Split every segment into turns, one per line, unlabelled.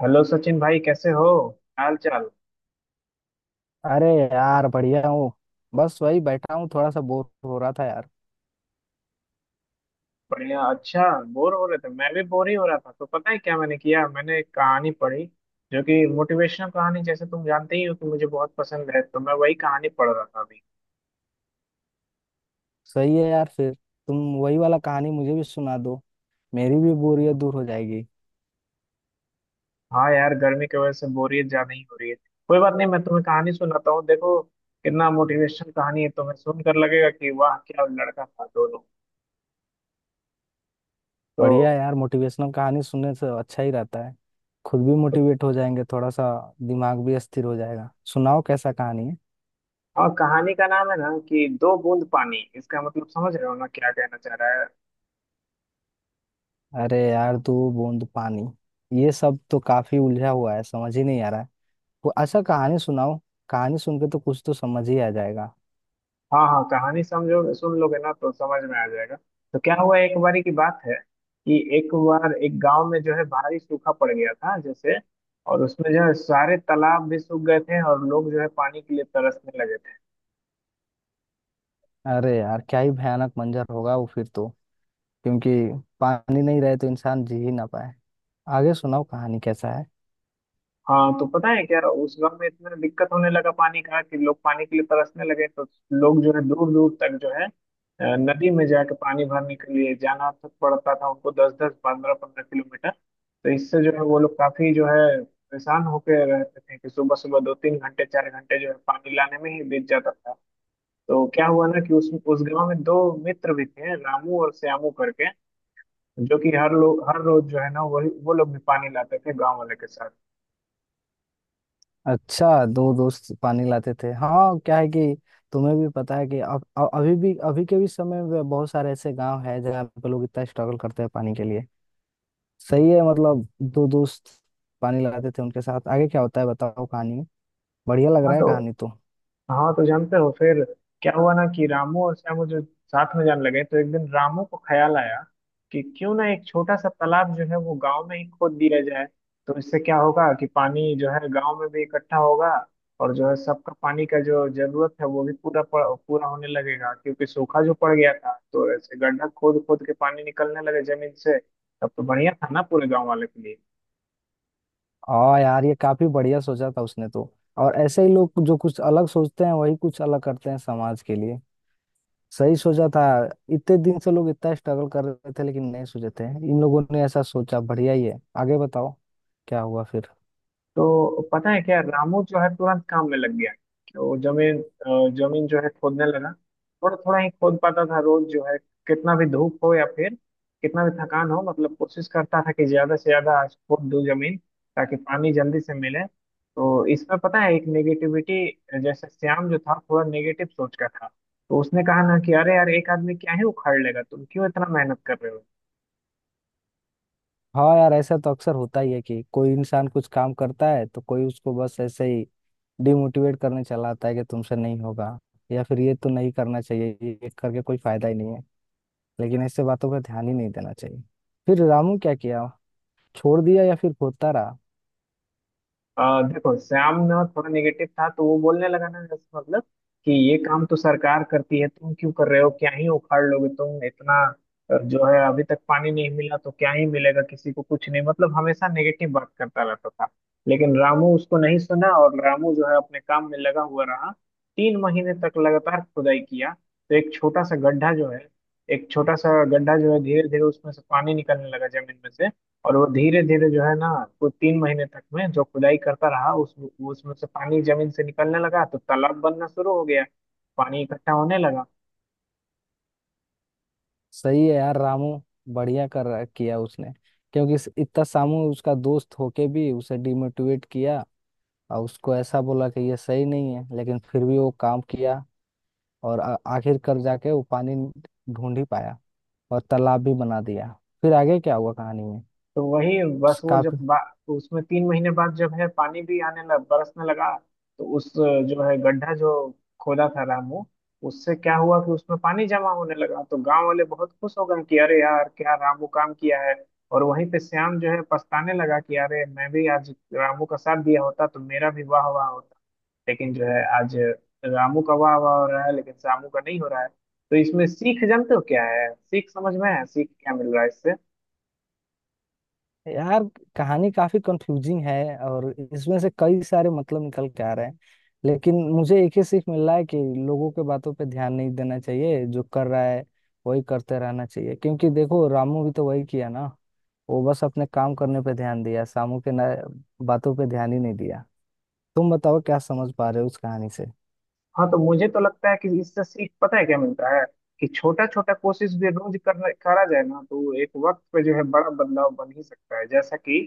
Hello Sachin भाई, कैसे हो? हाल चाल?
अरे यार बढ़िया हूँ। बस वही बैठा हूँ, थोड़ा सा बोर हो रहा था यार।
बढ़िया। अच्छा, बोर हो रहे थे। मैं भी बोर ही हो रहा था, तो पता है क्या मैंने किया? मैंने एक कहानी पढ़ी, जो कि मोटिवेशनल कहानी, जैसे तुम जानते ही हो कि मुझे बहुत पसंद है, तो मैं वही कहानी पढ़ रहा था अभी।
सही है यार, फिर तुम वही वाला कहानी मुझे भी सुना दो, मेरी भी बोरियत दूर हो जाएगी।
हाँ यार, गर्मी की वजह से बोरियत ज्यादा ही हो रही है। कोई बात नहीं, मैं तुम्हें कहानी सुनाता हूँ। देखो कितना मोटिवेशनल कहानी है, तुम्हें सुनकर लगेगा कि वाह, क्या लड़का था दोनों। तो
बढ़िया यार, मोटिवेशनल कहानी सुनने से अच्छा ही रहता है। खुद भी
तो-
मोटिवेट हो जाएंगे थोड़ा सा, दिमाग भी स्थिर हो जाएगा। सुनाओ कैसा कहानी है।
और कहानी का नाम है ना कि दो बूंद पानी। इसका मतलब समझ रहे हो ना क्या कहना चाह रहा है?
अरे यार, तू बूंद पानी ये सब तो काफी उलझा हुआ है, समझ ही नहीं आ रहा है। वो अच्छा कहानी सुनाओ, कहानी सुन के तो कुछ तो समझ ही आ जाएगा।
हाँ, हाँ, कहानी समझो, सुन लोगे ना तो समझ में आ जाएगा। तो क्या हुआ, एक बारी की बात है कि एक बार एक गांव में जो है भारी सूखा पड़ गया था जैसे। और उसमें जो है सारे तालाब भी सूख गए थे, और लोग जो है पानी के लिए तरसने लगे थे।
अरे यार, क्या ही भयानक मंजर होगा वो फिर तो। क्योंकि पानी नहीं रहे तो इंसान जी ही ना पाए। आगे सुनाओ कहानी कैसा है।
हाँ तो पता है क्या, उस गांव में इतना दिक्कत होने लगा पानी का कि लोग पानी के लिए तरसने लगे। तो लोग जो है दूर दूर तक जो है नदी में जाके पानी भरने के लिए जाना तक पड़ता था उनको, दस दस पंद्रह पंद्रह किलोमीटर। तो इससे जो है वो लोग काफी जो है परेशान होकर रहते थे कि सुबह सुबह दो तीन घंटे चार घंटे जो है पानी लाने में ही बीत जाता था। तो क्या हुआ ना कि उस गांव में दो मित्र भी थे, रामू और श्यामू करके, जो कि हर लोग हर रोज जो है ना, वही वो लोग भी पानी लाते थे गांव वाले के साथ।
अच्छा, दो दोस्त पानी लाते थे। हाँ, क्या है कि तुम्हें भी पता है कि अब अभी भी अभी के भी समय में बहुत सारे ऐसे गांव है जहाँ पे लोग इतना स्ट्रगल करते हैं पानी के लिए। सही है, मतलब दो दोस्त पानी लाते थे उनके साथ। आगे क्या होता है बताओ कहानी में, बढ़िया लग
हाँ
रहा है
तो
कहानी तो।
हाँ तो जानते हो फिर क्या हुआ ना कि रामू और श्यामू जो साथ में जाने लगे, तो एक दिन रामू को ख्याल आया कि क्यों ना एक छोटा सा तालाब जो है वो गांव में ही खोद दिया जाए। तो इससे क्या होगा कि पानी जो है गांव में भी इकट्ठा होगा, और जो है सबका पानी का जो जरूरत है वो भी पूरा होने लगेगा, क्योंकि सूखा जो पड़ गया था, तो ऐसे गड्ढा खोद खोद के पानी निकलने लगे जमीन से। तब तो बढ़िया था ना पूरे गांव वाले के लिए।
हाँ यार, ये काफी बढ़िया सोचा था उसने तो। और ऐसे ही लोग जो कुछ अलग सोचते हैं वही कुछ अलग करते हैं समाज के लिए। सही सोचा था, इतने दिन से लोग इतना स्ट्रगल कर रहे थे लेकिन नहीं सोचे थे। इन लोगों ने ऐसा सोचा, बढ़िया ही है। आगे बताओ क्या हुआ फिर।
तो पता है क्या, रामू जो है तुरंत काम में लग गया। वो जमीन जो है खोदने लगा, थोड़ा थोड़ा ही खोद पाता था रोज जो है। कितना भी धूप हो, या फिर कितना भी थकान हो, मतलब कोशिश करता था कि ज्यादा से ज्यादा आज खोद दूं जमीन, ताकि पानी जल्दी से मिले। तो इसमें पता है, एक नेगेटिविटी, जैसे श्याम जो था थोड़ा नेगेटिव सोच का था, तो उसने कहा ना कि अरे यार, एक आदमी क्या ही उखाड़ लेगा, तुम क्यों इतना मेहनत कर रहे हो।
हाँ यार, ऐसा तो अक्सर होता ही है कि कोई इंसान कुछ काम करता है तो कोई उसको बस ऐसे ही डिमोटिवेट करने चला आता है कि तुमसे नहीं होगा, या फिर ये तो नहीं करना चाहिए, ये करके कोई फायदा ही नहीं है। लेकिन ऐसे बातों पर ध्यान ही नहीं देना चाहिए। फिर रामू क्या किया, छोड़ दिया या फिर होता रहा।
देखो श्याम ना थोड़ा निगेटिव था, तो वो बोलने लगा ना, इस मतलब कि ये काम तो सरकार करती है, तुम क्यों कर रहे हो, क्या ही उखाड़ लोगे तुम इतना। जो है अभी तक पानी नहीं मिला, तो क्या ही मिलेगा किसी को कुछ नहीं, मतलब हमेशा नेगेटिव बात करता रहता था। लेकिन रामू उसको नहीं सुना, और रामू जो है अपने काम में लगा हुआ रहा। तीन महीने तक लगातार खुदाई किया। तो एक छोटा सा गड्ढा जो है, एक छोटा सा गड्ढा जो है, धीरे धीरे उसमें से पानी निकलने लगा जमीन में से। और वो धीरे धीरे जो है ना, वो तीन महीने तक में जो खुदाई करता रहा उस उसमें से पानी जमीन से निकलने लगा, तो तालाब बनना शुरू हो गया, पानी इकट्ठा होने लगा।
सही है यार, रामू बढ़िया कर रहा किया उसने। क्योंकि इतना सामू उसका दोस्त होके भी उसे डिमोटिवेट किया और उसको ऐसा बोला कि ये सही नहीं है, लेकिन फिर भी वो काम किया। और आखिरकार जाके वो पानी ढूंढ ही पाया और तालाब भी बना दिया। फिर आगे क्या हुआ कहानी में।
तो वही बस वो
काफी
उसमें तीन महीने बाद जब है पानी भी आने लग बरसने लगा, तो उस जो है गड्ढा जो खोदा था रामू, उससे क्या हुआ कि उसमें पानी जमा होने लगा, तो गांव वाले बहुत खुश हो गए कि अरे यार, क्या रामू काम किया है। और वहीं पे श्याम जो है पछताने लगा कि अरे, मैं भी आज रामू का साथ दिया होता तो मेरा भी वाह वाह होता, लेकिन जो है आज रामू का वाह वाह हो रहा है, लेकिन श्यामू का नहीं हो रहा है। तो इसमें सीख जानते हो क्या है? सीख समझ में है? सीख क्या मिल रहा है इससे?
यार, कहानी काफी कंफ्यूजिंग है और इसमें से कई सारे मतलब निकल के आ रहे हैं। लेकिन मुझे एक ही सीख मिल रहा है कि लोगों के बातों पे ध्यान नहीं देना चाहिए, जो कर रहा है वही करते रहना चाहिए। क्योंकि देखो, रामू भी तो वही किया ना, वो बस अपने काम करने पे ध्यान दिया, सामू के ना बातों पे ध्यान ही नहीं दिया। तुम बताओ क्या समझ पा रहे हो उस कहानी से।
हाँ तो मुझे तो लगता है कि इससे सीख पता है क्या मिलता है, कि छोटा छोटा कोशिश भी रोज करना करा जाए ना, तो एक वक्त पे जो है बड़ा बदलाव बन ही सकता है। जैसा कि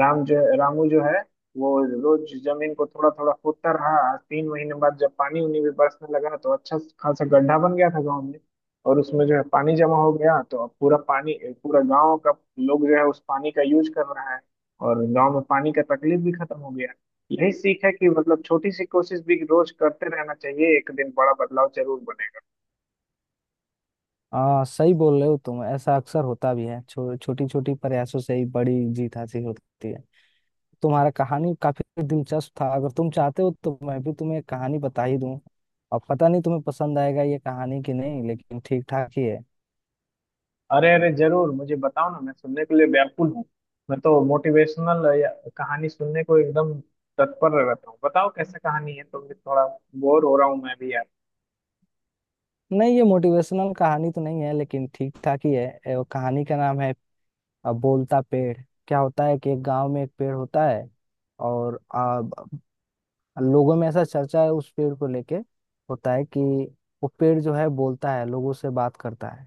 रामू जो है वो रोज जमीन को थोड़ा थोड़ा खोदता रहा, आज तीन महीने बाद जब पानी उनी भी बरसने लगा, तो अच्छा खासा गड्ढा बन गया था गाँव में। और उसमें जो है पानी जमा हो गया, तो अब पूरा पानी, पूरा गाँव का लोग जो है उस पानी का यूज कर रहा है, और गाँव में पानी का तकलीफ भी खत्म हो गया। यही सीख है कि मतलब छोटी सी कोशिश भी रोज करते रहना चाहिए, एक दिन बड़ा बदलाव जरूर बनेगा।
हाँ सही बोल रहे हो तुम, ऐसा अक्सर होता भी है, छोटी छोटी प्रयासों से ही बड़ी जीत हासिल होती है। तुम्हारा कहानी काफी दिलचस्प था। अगर तुम चाहते हो तो मैं भी तुम्हें एक कहानी बता ही दूं। अब पता नहीं तुम्हें पसंद आएगा ये कहानी कि नहीं, लेकिन ठीक ठाक ही है।
अरे अरे, जरूर, मुझे बताओ ना, मैं सुनने के लिए व्याकुल हूँ। मैं तो मोटिवेशनल कहानी सुनने को एकदम तत्पर रहता हूँ। बताओ कैसे कहानी है, तो मैं थोड़ा बोर हो रहा हूँ, मैं भी यार।
नहीं, ये मोटिवेशनल कहानी तो नहीं है लेकिन ठीक ठाक ही है। वो कहानी का नाम है बोलता पेड़। क्या होता है कि एक गांव में एक पेड़ होता है। और लोगों में ऐसा चर्चा है उस पेड़ को लेके, होता है कि वो पेड़ जो है बोलता है, लोगों से बात करता है।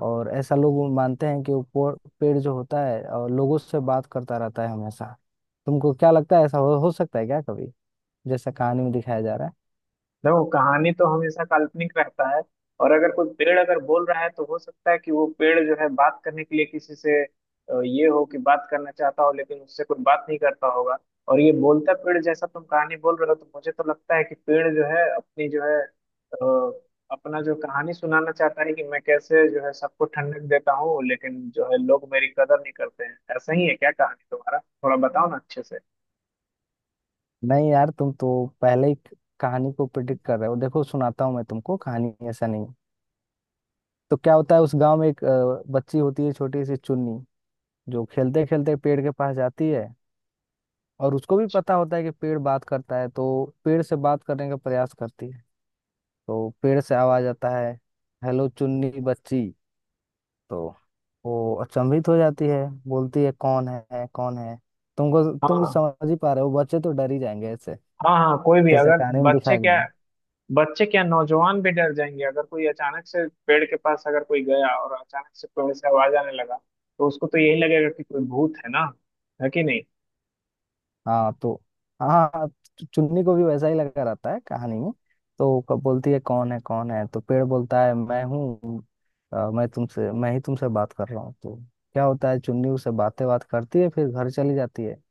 और ऐसा लोग मानते हैं कि वो पेड़ जो होता है और लोगों से बात करता रहता है हमेशा। तुमको क्या लगता है ऐसा हो सकता है क्या कभी, जैसा कहानी में दिखाया जा रहा है।
देखो कहानी तो हमेशा काल्पनिक रहता है, और अगर कोई पेड़ अगर बोल रहा है तो हो सकता है कि वो पेड़ जो है बात करने के लिए किसी से ये हो कि बात करना चाहता हो, लेकिन उससे कोई बात नहीं करता होगा। और ये बोलता पेड़ जैसा तुम कहानी बोल रहे हो, तो मुझे तो लगता है कि पेड़ जो है अपनी जो है अपना जो कहानी सुनाना चाहता है कि मैं कैसे जो है सबको ठंडक देता हूँ, लेकिन जो है लोग मेरी कदर नहीं करते हैं। ऐसा ही है क्या कहानी तुम्हारा? थोड़ा बताओ ना अच्छे से।
नहीं यार, तुम तो पहले ही कहानी को प्रिडिक्ट कर रहे हो। देखो सुनाता हूँ मैं तुमको कहानी, ऐसा नहीं है। तो क्या होता है उस गांव में एक बच्ची होती है, छोटी सी चुन्नी, जो खेलते खेलते पेड़ के पास जाती है। और उसको भी पता होता है कि पेड़ बात करता है, तो पेड़ से बात करने का प्रयास करती है। तो पेड़ से आवाज आता है, हेलो चुन्नी बच्ची। तो वो अचंभित हो जाती है, बोलती है कौन है कौन है। तुम तो
हाँ।
समझ ही पा रहे हो, बच्चे तो डर ही जाएंगे ऐसे,
हाँ, हाँ, कोई भी,
जैसे
अगर
कहानी में दिखाया गया है।
बच्चे क्या, नौजवान भी डर जाएंगे, अगर कोई अचानक से पेड़ के पास अगर कोई गया और अचानक से कोई ऐसे आवाज आने लगा, तो उसको तो यही लगेगा कि कोई भूत है ना। है कि नहीं?
हाँ तो, हाँ हाँ, चुन्नी को भी वैसा ही लगा रहता है कहानी में। तो वो कब बोलती है कौन है कौन है, तो पेड़ बोलता है मैं हूँ। मैं ही तुमसे बात कर रहा हूँ। तो क्या होता है, चुन्नी उससे बात करती है, फिर घर चली जाती है।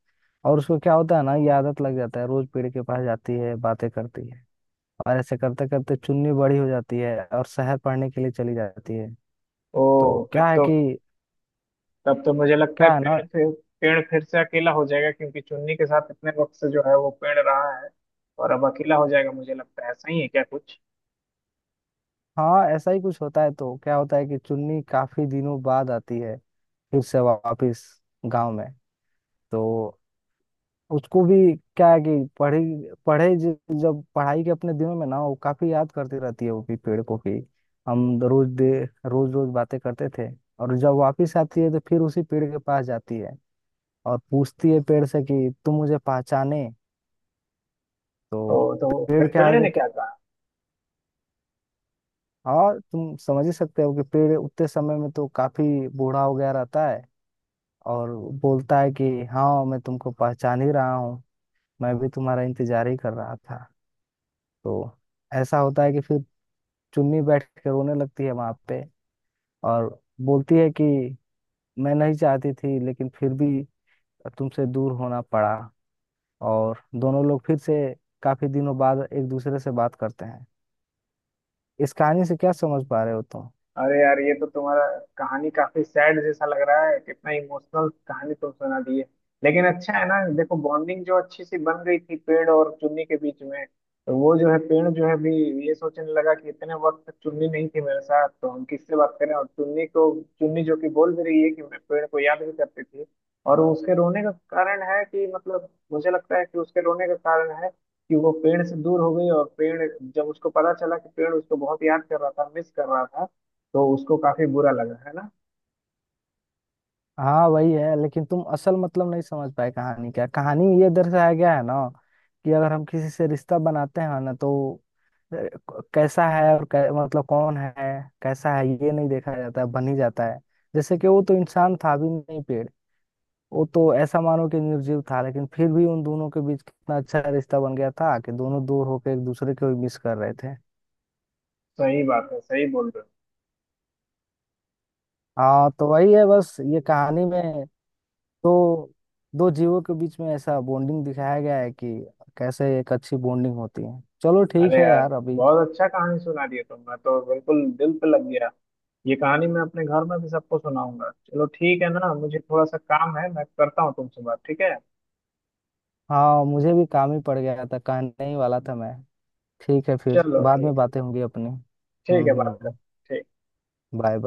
और उसको क्या होता है ना, ये आदत लग जाता है, रोज पेड़ के पास जाती है बातें करती है। और ऐसे करते करते चुन्नी बड़ी हो जाती है और शहर पढ़ने के लिए चली जाती है।
ओ।
तो
तब
क्या है
तो
कि
तब तो मुझे लगता है
क्या है ना,
पेड़ फिर से अकेला हो जाएगा, क्योंकि चुन्नी के साथ इतने वक्त से जो है वो पेड़ रहा है, और अब अकेला हो जाएगा। मुझे लगता है ऐसा ही है क्या कुछ?
हाँ ऐसा ही कुछ होता है। तो क्या होता है कि चुन्नी काफी दिनों बाद आती है फिर से वापस गांव में। तो उसको भी क्या है कि पढ़ी पढ़े ज- जब पढ़ाई के अपने दिनों में ना, वो काफी याद करती रहती है वो भी पेड़ को, कि हम रोज दे रोज रोज बातें करते थे। और जब वापस आती है तो फिर उसी पेड़ के पास जाती है और पूछती है पेड़ से कि तुम मुझे पहचाने। तो
ओ, तो
पेड़
फिर
क्या
पेड़
है
ने
कि,
क्या कहा?
और तुम समझ ही सकते हो कि पेड़ उतने समय में तो काफी बूढ़ा हो गया रहता है। और बोलता है कि हाँ, मैं तुमको पहचान ही रहा हूँ, मैं भी तुम्हारा इंतजार ही कर रहा था। तो ऐसा होता है कि फिर चुन्नी बैठ के रोने लगती है वहां पे। और बोलती है कि मैं नहीं चाहती थी लेकिन फिर भी तुमसे दूर होना पड़ा। और दोनों लोग फिर से काफी दिनों बाद एक दूसरे से बात करते हैं। इस कहानी से क्या समझ पा रहे हो तुम।
अरे यार, ये तो तुम्हारा कहानी काफी सैड जैसा लग रहा है। कितना इमोशनल कहानी तुम सुना दी है। लेकिन अच्छा है ना, देखो बॉन्डिंग जो अच्छी सी बन गई थी पेड़ और चुन्नी के बीच में। तो वो जो है पेड़ जो है भी ये सोचने लगा कि इतने वक्त तक चुन्नी नहीं थी मेरे साथ, तो हम किससे बात करें। और चुन्नी जो कि बोल भी रही है कि मैं पेड़ को याद भी करती थी। और उसके रोने का कारण है कि, मतलब, मुझे लगता है कि उसके रोने का कारण है कि वो पेड़ से दूर हो गई। और पेड़, जब उसको पता चला कि पेड़ उसको बहुत याद कर रहा था, मिस कर रहा था, तो उसको काफी बुरा लगा है ना।
हाँ वही है, लेकिन तुम असल मतलब नहीं समझ पाए कहानी। क्या कहानी ये दर्शाया गया है ना कि अगर हम किसी से रिश्ता बनाते हैं ना तो अ, क- कैसा है और कै, मतलब कौन है कैसा है ये नहीं देखा जाता है, बन ही जाता है। जैसे कि वो तो इंसान था भी नहीं, पेड़ वो तो ऐसा मानो कि निर्जीव था, लेकिन फिर भी उन दोनों के बीच कितना अच्छा रिश्ता बन गया था कि दोनों दूर होकर एक दूसरे को मिस कर रहे थे।
सही बात है, सही बोल रहे
हाँ तो वही है बस ये कहानी में। तो दो जीवों के बीच में ऐसा बॉन्डिंग दिखाया गया है कि कैसे एक अच्छी बॉन्डिंग होती है। चलो
हो।
ठीक
अरे
है
यार,
यार, अभी
बहुत अच्छा कहानी सुना दी है तुमने तो, बिल्कुल दिल पे लग गया। ये कहानी मैं अपने घर में भी सबको सुनाऊंगा। चलो ठीक है ना, मुझे थोड़ा सा काम है, मैं करता हूँ, तुमसे बात ठीक है?
हाँ मुझे भी काम ही पड़ गया था, कहने ही वाला था मैं। ठीक है, फिर
चलो
बाद में
ठीक है,
बातें होंगी अपनी।
ठीक है, बात कर,
हम्म।
ठीक।
बाय।